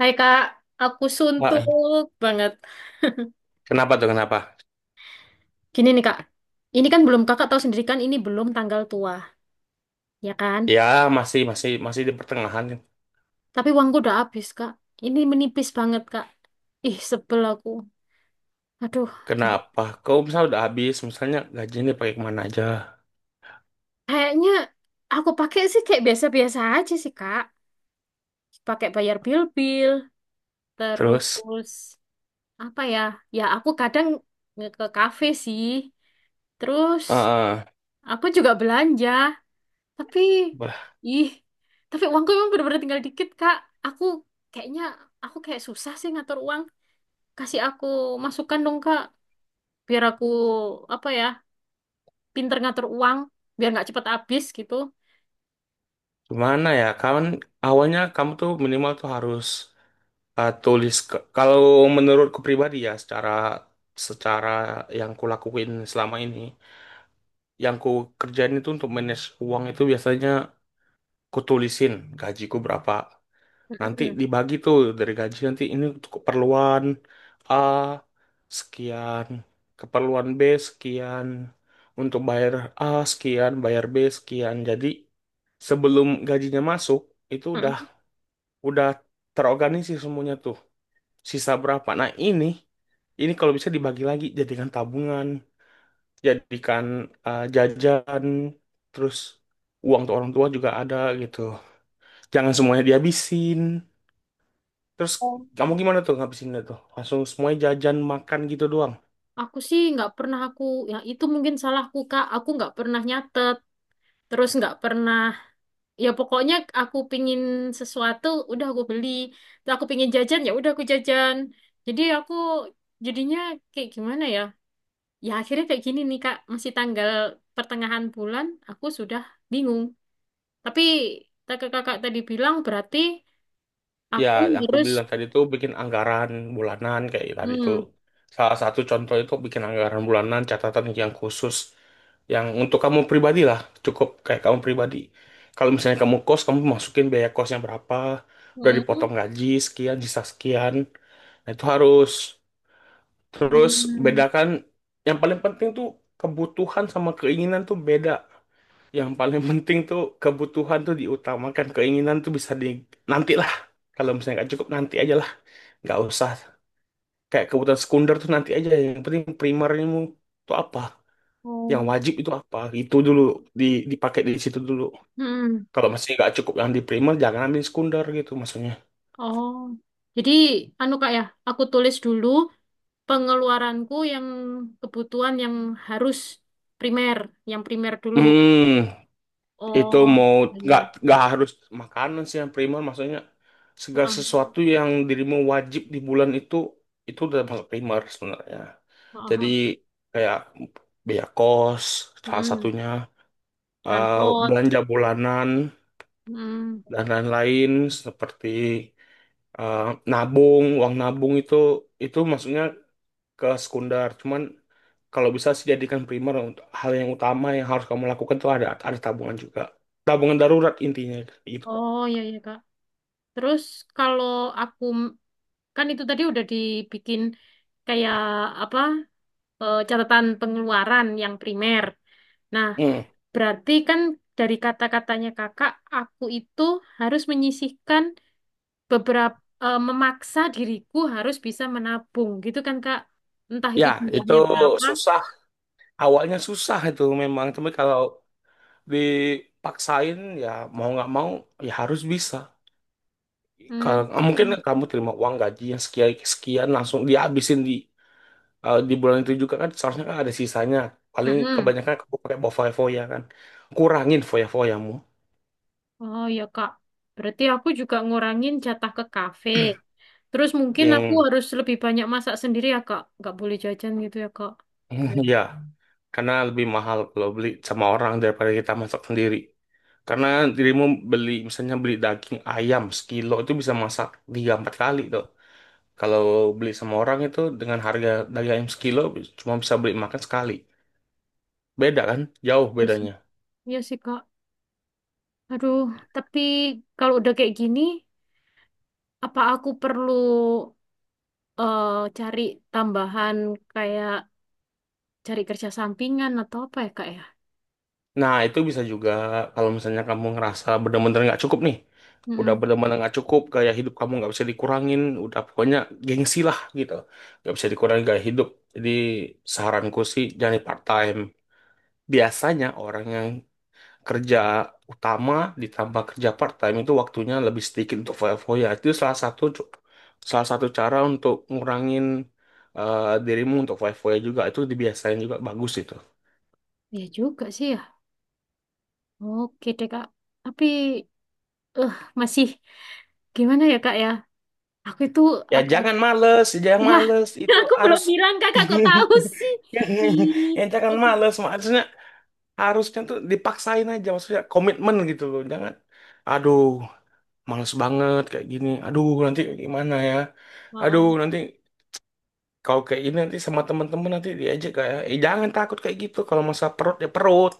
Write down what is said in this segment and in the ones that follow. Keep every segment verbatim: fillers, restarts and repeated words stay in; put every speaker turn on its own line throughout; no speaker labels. Hai kak, aku suntuk
Wah,
banget.
kenapa tuh kenapa?
Gini nih kak, ini kan belum kakak tahu sendiri kan ini belum tanggal tua, ya kan?
Ya masih masih masih di pertengahan.
Tapi uangku udah habis kak, ini menipis banget kak. Ih sebel aku. Aduh, gimana?
Kenapa? Kau misalnya udah habis, misalnya gajinya dipakai kemana aja?
Kayaknya aku pakai sih kayak biasa-biasa aja sih kak. Pakai bayar bil-bil,
Terus,
terus apa ya? Ya aku kadang nge- ke kafe sih. Terus
eh eh,
aku juga belanja. Tapi,
bah,
ih, tapi uangku emang bener-bener tinggal dikit, Kak. Aku kayaknya, aku kayak susah sih ngatur uang. Kasih aku masukan dong, Kak. Biar aku, apa ya, pinter ngatur uang. Biar nggak cepet habis gitu.
gimana ya? Kan awalnya kamu tuh minimal tuh harus eh, tulis. Ke- kalau menurutku pribadi ya, secara secara yang kulakuin selama ini, yang ku kerjain itu untuk manage uang itu biasanya ku tulisin gajiku berapa. Nanti
Mm-mm.
dibagi tuh, dari gaji nanti ini untuk keperluan A sekian, keperluan B sekian, untuk bayar A sekian, bayar B sekian. Jadi sebelum gajinya masuk itu udah
Mm-mm.
udah terorganisir semuanya tuh. Sisa berapa? Nah, ini ini kalau bisa dibagi lagi, jadikan tabungan, jadikan eh, jajan, terus uang tuh orang tua juga ada gitu. Jangan semuanya dihabisin. Terus
Oh.
kamu gimana tuh ngabisinnya tuh? Langsung semuanya jajan makan gitu doang.
Aku sih nggak pernah aku, ya itu mungkin salahku, Kak. Aku nggak pernah nyatet. Terus nggak pernah, ya pokoknya aku pingin sesuatu, udah aku beli. Terus aku pingin jajan, ya udah aku jajan. Jadi aku jadinya kayak gimana ya? Ya akhirnya kayak gini nih Kak, masih tanggal pertengahan bulan aku sudah bingung. Tapi kakak kakak tadi bilang berarti
Ya,
aku
yang aku
harus
bilang tadi tuh bikin anggaran bulanan kayak tadi tuh.
hmm,
Salah satu contoh itu bikin anggaran bulanan, catatan yang khusus. Yang untuk kamu pribadi lah, cukup kayak kamu pribadi. Kalau misalnya kamu kos, kamu masukin biaya kosnya berapa, udah
hmm,
dipotong gaji, sekian, sisa sekian. Nah, itu harus. Terus
hmm,
bedakan, yang paling penting tuh kebutuhan sama keinginan tuh beda. Yang paling penting tuh kebutuhan tuh diutamakan, keinginan tuh bisa di nanti lah. Kalau misalnya nggak cukup nanti aja lah, nggak usah. Kayak kebutuhan sekunder tuh nanti aja. Yang penting primermu tuh apa, yang
oh,
wajib itu apa, itu dulu di dipakai di situ dulu.
hmm,
Kalau masih nggak cukup yang di primer, jangan ambil sekunder gitu maksudnya.
oh. Jadi anu Kak ya, aku tulis dulu pengeluaranku yang kebutuhan yang harus primer, yang primer dulu.
Hmm, itu
Oh,
mau
iya. iya.
nggak nggak harus makanan sih yang primer, maksudnya segala
Heeh,
sesuatu yang dirimu wajib di bulan itu itu udah masuk primer sebenarnya.
heeh,
Jadi
heeh.
kayak biaya kos salah
Hmm,
satunya, eh,
transport.
belanja bulanan
Hmm.
dan lain-lain, seperti eh, nabung, uang nabung itu itu maksudnya ke sekunder. Cuman kalau bisa sih jadikan primer, untuk hal yang utama yang harus kamu lakukan tuh ada ada tabungan juga, tabungan darurat intinya, gitu.
Oh, iya iya Kak. Terus kalau aku kan itu tadi udah dibikin kayak apa eh, catatan pengeluaran yang primer. Nah,
Hmm.
berarti kan dari kata-katanya kakak, aku itu harus menyisihkan beberapa eh, memaksa diriku harus bisa menabung, gitu kan kak? Entah itu
Ya, itu
jumlahnya berapa.
susah. Awalnya susah itu memang. Tapi kalau dipaksain, ya mau nggak mau, ya harus bisa. Kalau
Hmm.
eh, mungkin kamu terima uang gaji yang sekian sekian langsung dihabisin di eh, di bulan itu juga, kan seharusnya kan ada sisanya. Paling
Mm-mm.
kebanyakan kamu pakai bawa foya-foya kan. Kurangin foya-foyamu
Oh ya Kak, berarti aku juga ngurangin jatah ke kafe. Terus mungkin aku
yang
harus lebih banyak masak sendiri ya Kak, nggak boleh jajan gitu ya Kak. Kayak
ya, karena lebih mahal kalau beli sama orang daripada kita masak sendiri. Karena dirimu beli, misalnya beli daging ayam sekilo itu bisa masak tiga empat kali tuh. Kalau beli sama orang itu dengan harga daging ayam sekilo cuma bisa beli makan sekali. Beda kan? Jauh bedanya.
Iya sih Kak. Aduh, tapi kalau udah kayak gini, apa aku perlu eh, cari tambahan kayak cari kerja sampingan atau apa ya Kak ya?
Nah, itu bisa juga kalau misalnya kamu ngerasa bener-bener nggak cukup nih. Udah
Hmm,
bener-bener nggak cukup, gaya hidup kamu nggak bisa dikurangin. Udah pokoknya gengsi lah gitu. Nggak bisa dikurangin gaya hidup. Jadi saranku sih jangan part time. Biasanya orang yang kerja utama ditambah kerja part time itu waktunya lebih sedikit untuk foya-foya. Itu salah satu salah satu cara untuk ngurangin eh, dirimu untuk foya-foya juga. Itu dibiasain juga bagus itu.
ya juga sih ya. Oke deh Kak. Tapi eh masih gimana ya Kak ya? Aku itu
Ya
aku
jangan males, jangan
Wah,
males. Itu
aku belum
harus
bilang kakak kok tahu sih. Ih,
ya jangan
aduh.
males. Maksudnya harusnya tuh dipaksain aja. Maksudnya komitmen gitu loh. Jangan, aduh males banget kayak gini. Aduh nanti gimana ya. Aduh
Oh,
nanti kalau kayak ini nanti sama temen-temen nanti diajak kayak, eh jangan takut kayak gitu. Kalau masalah perut ya perut.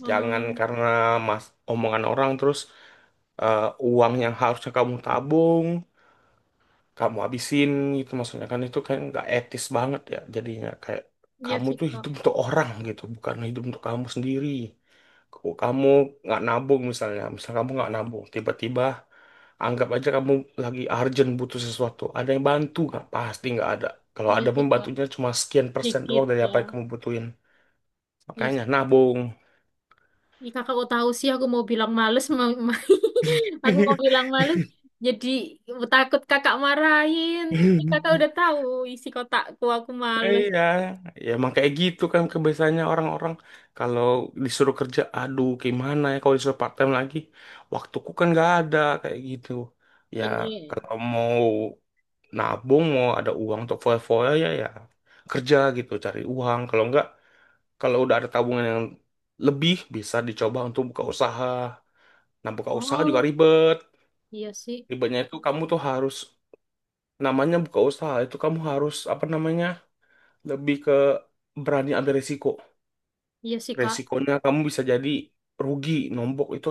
oh,
Jangan
oh.
karena mas omongan orang terus eh, uang yang harusnya kamu tabung kamu habisin, gitu maksudnya. Kan itu kan nggak etis banget ya, jadinya kayak
Iya
kamu
sih
tuh
kak,
hidup untuk orang gitu, bukan hidup untuk kamu sendiri. Kalau kamu nggak nabung, misalnya misal kamu nggak nabung tiba-tiba, anggap aja kamu lagi urgent butuh sesuatu, ada yang bantu nggak? Pasti nggak ada. Kalau
iya
ada
sih
pun
kak,
bantunya cuma sekian persen
sedikit
doang dari
ya.
apa yang kamu butuhin.
Iya sih,
Makanya
Kak.
nabung.
Ih, kakak kok tahu sih aku mau bilang males, mau, ma- aku mau bilang males. Jadi takut kakak marahin. Ih, Kakak udah tahu isi kotakku, aku males.
Iya, ya emang kayak gitu kan kebiasaannya orang-orang. Kalau disuruh kerja, aduh gimana ya kalau disuruh part time lagi, waktuku kan nggak ada kayak gitu. Ya
Ini,
kalau mau nabung, mau ada uang untuk foya-foya, ya ya kerja gitu, cari uang. Kalau nggak, kalau udah ada tabungan yang lebih, bisa dicoba untuk buka usaha. Nah, buka usaha juga
oh
ribet.
iya sih,
Ribetnya itu kamu tuh harus, namanya buka usaha itu kamu harus, apa namanya, lebih ke berani ambil risiko.
iya sih kak.
Resikonya kamu bisa jadi rugi nombok. Itu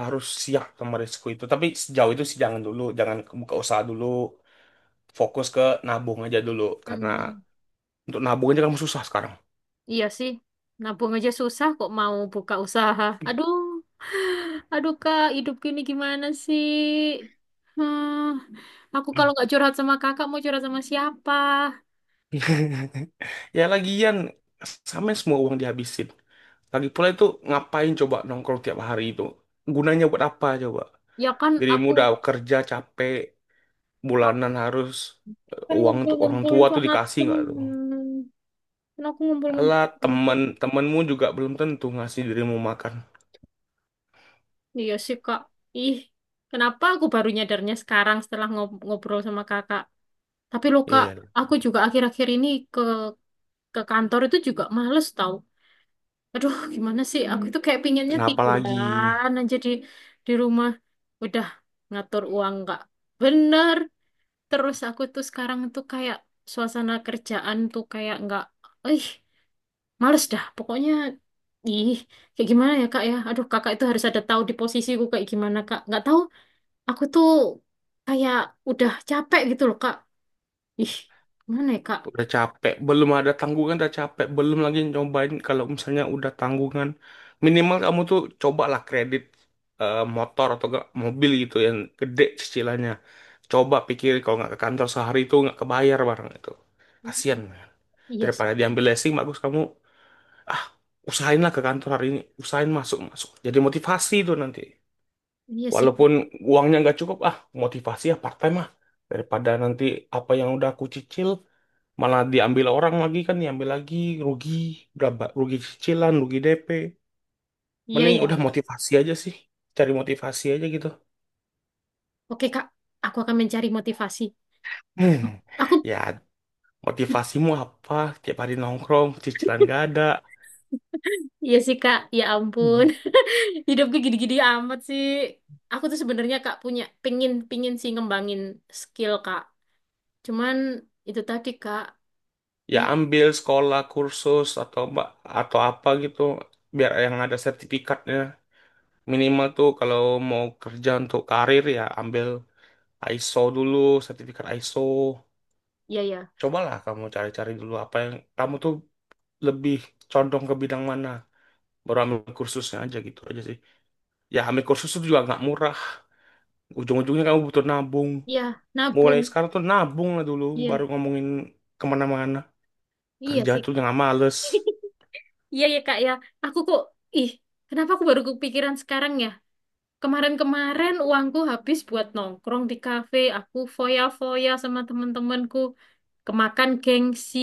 harus siap sama resiko itu. Tapi sejauh itu sih jangan dulu, jangan buka usaha dulu, fokus ke nabung aja dulu, karena
Mm-mm.
untuk nabung aja kamu susah sekarang.
Iya sih, nabung aja susah kok mau buka usaha. Aduh. Aduh kak, hidup ini gimana sih? Hmm, aku kalau nggak curhat sama kakak mau curhat sama siapa?
Ya lagian, sama semua uang dihabisin. Lagi pula itu ngapain coba nongkrong tiap hari itu? Gunanya buat apa coba?
Ya kan
Dirimu
aku
udah kerja capek,
aku
bulanan harus, eh,
kan
uang untuk orang
ngumpul-ngumpul
tua tuh
sama
dikasih nggak tuh?
temen. Kan aku ngumpul-ngumpul
Alah,
sama temen.
temen temenmu juga belum tentu ngasih dirimu makan.
Iya sih kak. Ih, kenapa aku baru nyadarnya sekarang setelah ngob- ngobrol sama kakak? Tapi loh kak,
Ya,
aku juga akhir-akhir ini ke ke kantor itu juga males tau. Aduh, gimana sih? Aku Hmm. itu kayak pinginnya
kenapa lagi?
tiduran aja di di rumah. Udah ngatur uang nggak bener. Terus aku tuh sekarang tuh kayak suasana kerjaan tuh kayak nggak, ih, males dah. Pokoknya, ih, kayak gimana ya kak ya? Aduh, kakak itu harus ada tahu di posisiku kayak gimana kak? Nggak tahu. Aku tuh kayak udah capek gitu loh kak. Ih, mana ya kak?
Udah capek, belum ada tanggungan udah capek, belum lagi nyobain kalau misalnya udah tanggungan. Minimal kamu tuh cobalah kredit eh, motor atau enggak mobil gitu yang gede cicilannya. Coba pikir, kalau nggak ke kantor sehari itu nggak kebayar barang itu. Kasian.
Iya sih,
Daripada diambil leasing, bagus kamu ah usahainlah ke kantor hari ini, usahain masuk-masuk. Jadi motivasi itu nanti.
iya sih
Walaupun
kak.
uangnya nggak cukup, ah motivasi ya part time ah. Daripada nanti apa yang udah aku cicil malah diambil orang lagi kan, diambil lagi, rugi berapa, rugi cicilan, rugi de pe.
Iya
Mending udah
ya.
motivasi aja sih, cari motivasi aja gitu.
Oke kak, aku akan mencari motivasi.
Hmm,
Aku
ya
I-
motivasimu apa? Tiap hari nongkrong, cicilan gak ada.
Iya sih Kak, ya
Hmm.
ampun. Hidupku gini-gini amat sih. Aku tuh sebenarnya Kak punya pingin pingin sih ngembangin skill Kak. Cuman itu tadi Kak,
Ya
ya
ambil sekolah, kursus atau mbak atau apa gitu, biar yang ada sertifikatnya. Minimal tuh kalau mau kerja untuk karir ya ambil ISO dulu, sertifikat ISO.
ya ya.
Cobalah kamu cari-cari dulu apa yang kamu tuh lebih condong ke bidang mana. Baru ambil kursusnya aja, gitu aja sih. Ya ambil kursus itu juga nggak murah. Ujung-ujungnya kamu butuh nabung.
Iya,
Mulai
nabung.
sekarang tuh nabung lah dulu,
Iya.
baru ngomongin kemana-mana.
Iya
Kerja
sih
tuh
Kak.
jangan males.
Iya ya Kak ya. Aku kok ih, kenapa aku baru kepikiran sekarang ya? Kemarin-kemarin uangku habis buat nongkrong di kafe, aku foya-foya sama temen-temenku, kemakan gengsi.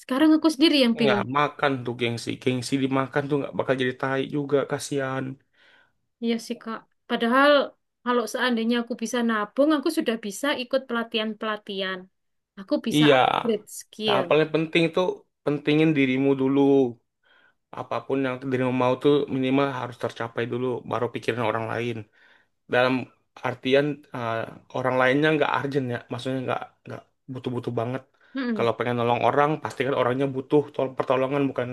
Sekarang aku sendiri yang
Ya
bingung.
makan tuh gengsi, gengsi dimakan tuh nggak bakal jadi tai juga, kasihan.
Iya sih, Kak. Padahal kalau seandainya aku bisa nabung, aku sudah bisa ikut pelatihan-pelatihan. Aku bisa
Iya,
upgrade skill.
yang paling penting tuh pentingin dirimu dulu. Apapun yang diri mau tuh minimal harus tercapai dulu baru pikirin orang lain, dalam artian eh, orang lainnya nggak urgent, ya maksudnya nggak nggak butuh-butuh banget.
Mm-mm.
Kalau pengen nolong orang pastikan orangnya butuh tol- pertolongan, bukan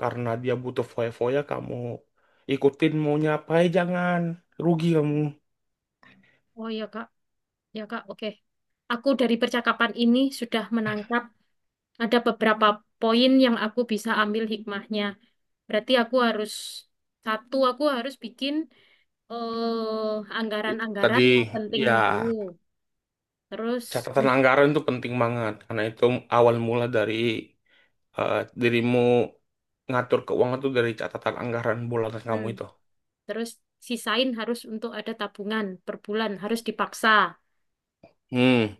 karena dia butuh foya-foya, kamu ikutin maunya apa, eh, jangan rugi kamu.
Oh iya, Kak. Ya, Kak. Oke. Aku dari percakapan ini sudah menangkap ada beberapa poin yang aku bisa ambil hikmahnya. Berarti aku harus satu, aku harus bikin eh,
I-
anggaran-anggaran
tadi
yang penting
ya,
dulu. Terus,
catatan anggaran itu penting banget, karena itu awal mula dari eh, dirimu ngatur keuangan tuh dari catatan anggaran bulanan
mm,
kamu itu.
terus sisain harus untuk ada tabungan per bulan, harus dipaksa.
Hmm,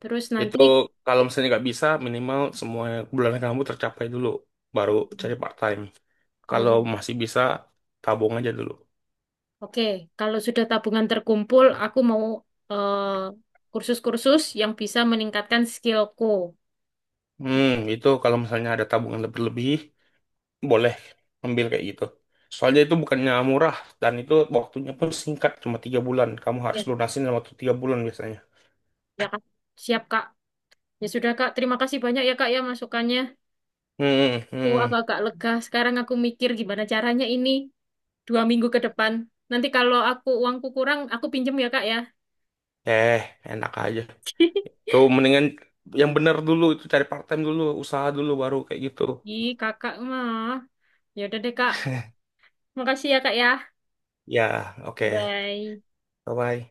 Terus
itu
nanti,
kalau misalnya nggak bisa, minimal semua bulanan kamu tercapai dulu, baru
Hmm.
cari part time.
oh
Kalau
ya,
masih bisa, tabung aja dulu.
oke. Kalau sudah tabungan terkumpul, aku mau eh, kursus-kursus yang bisa meningkatkan skillku.
Hmm,
Gitu.
itu kalau misalnya ada tabungan lebih-lebih, boleh ambil kayak gitu. Soalnya itu bukannya murah, dan itu waktunya pun singkat, cuma tiga bulan. Kamu harus
Ya,
lunasin dalam waktu tiga bulan biasanya.
ya Kak. Siap Kak. Ya sudah Kak, terima kasih banyak ya Kak ya masukannya.
Hmm,
Aku
hmm.
agak-agak lega. Sekarang aku mikir gimana caranya ini dua minggu ke depan. Nanti kalau aku uangku kurang, aku pinjem ya Kak ya.
Eh, enak aja. Tuh mendingan yang bener dulu itu cari part time dulu, usaha dulu baru kayak gitu.
Ih, Kakak mah. Ya udah deh Kak. Makasih ya Kak ya.
Ya, oke.
Bye.
Bye bye.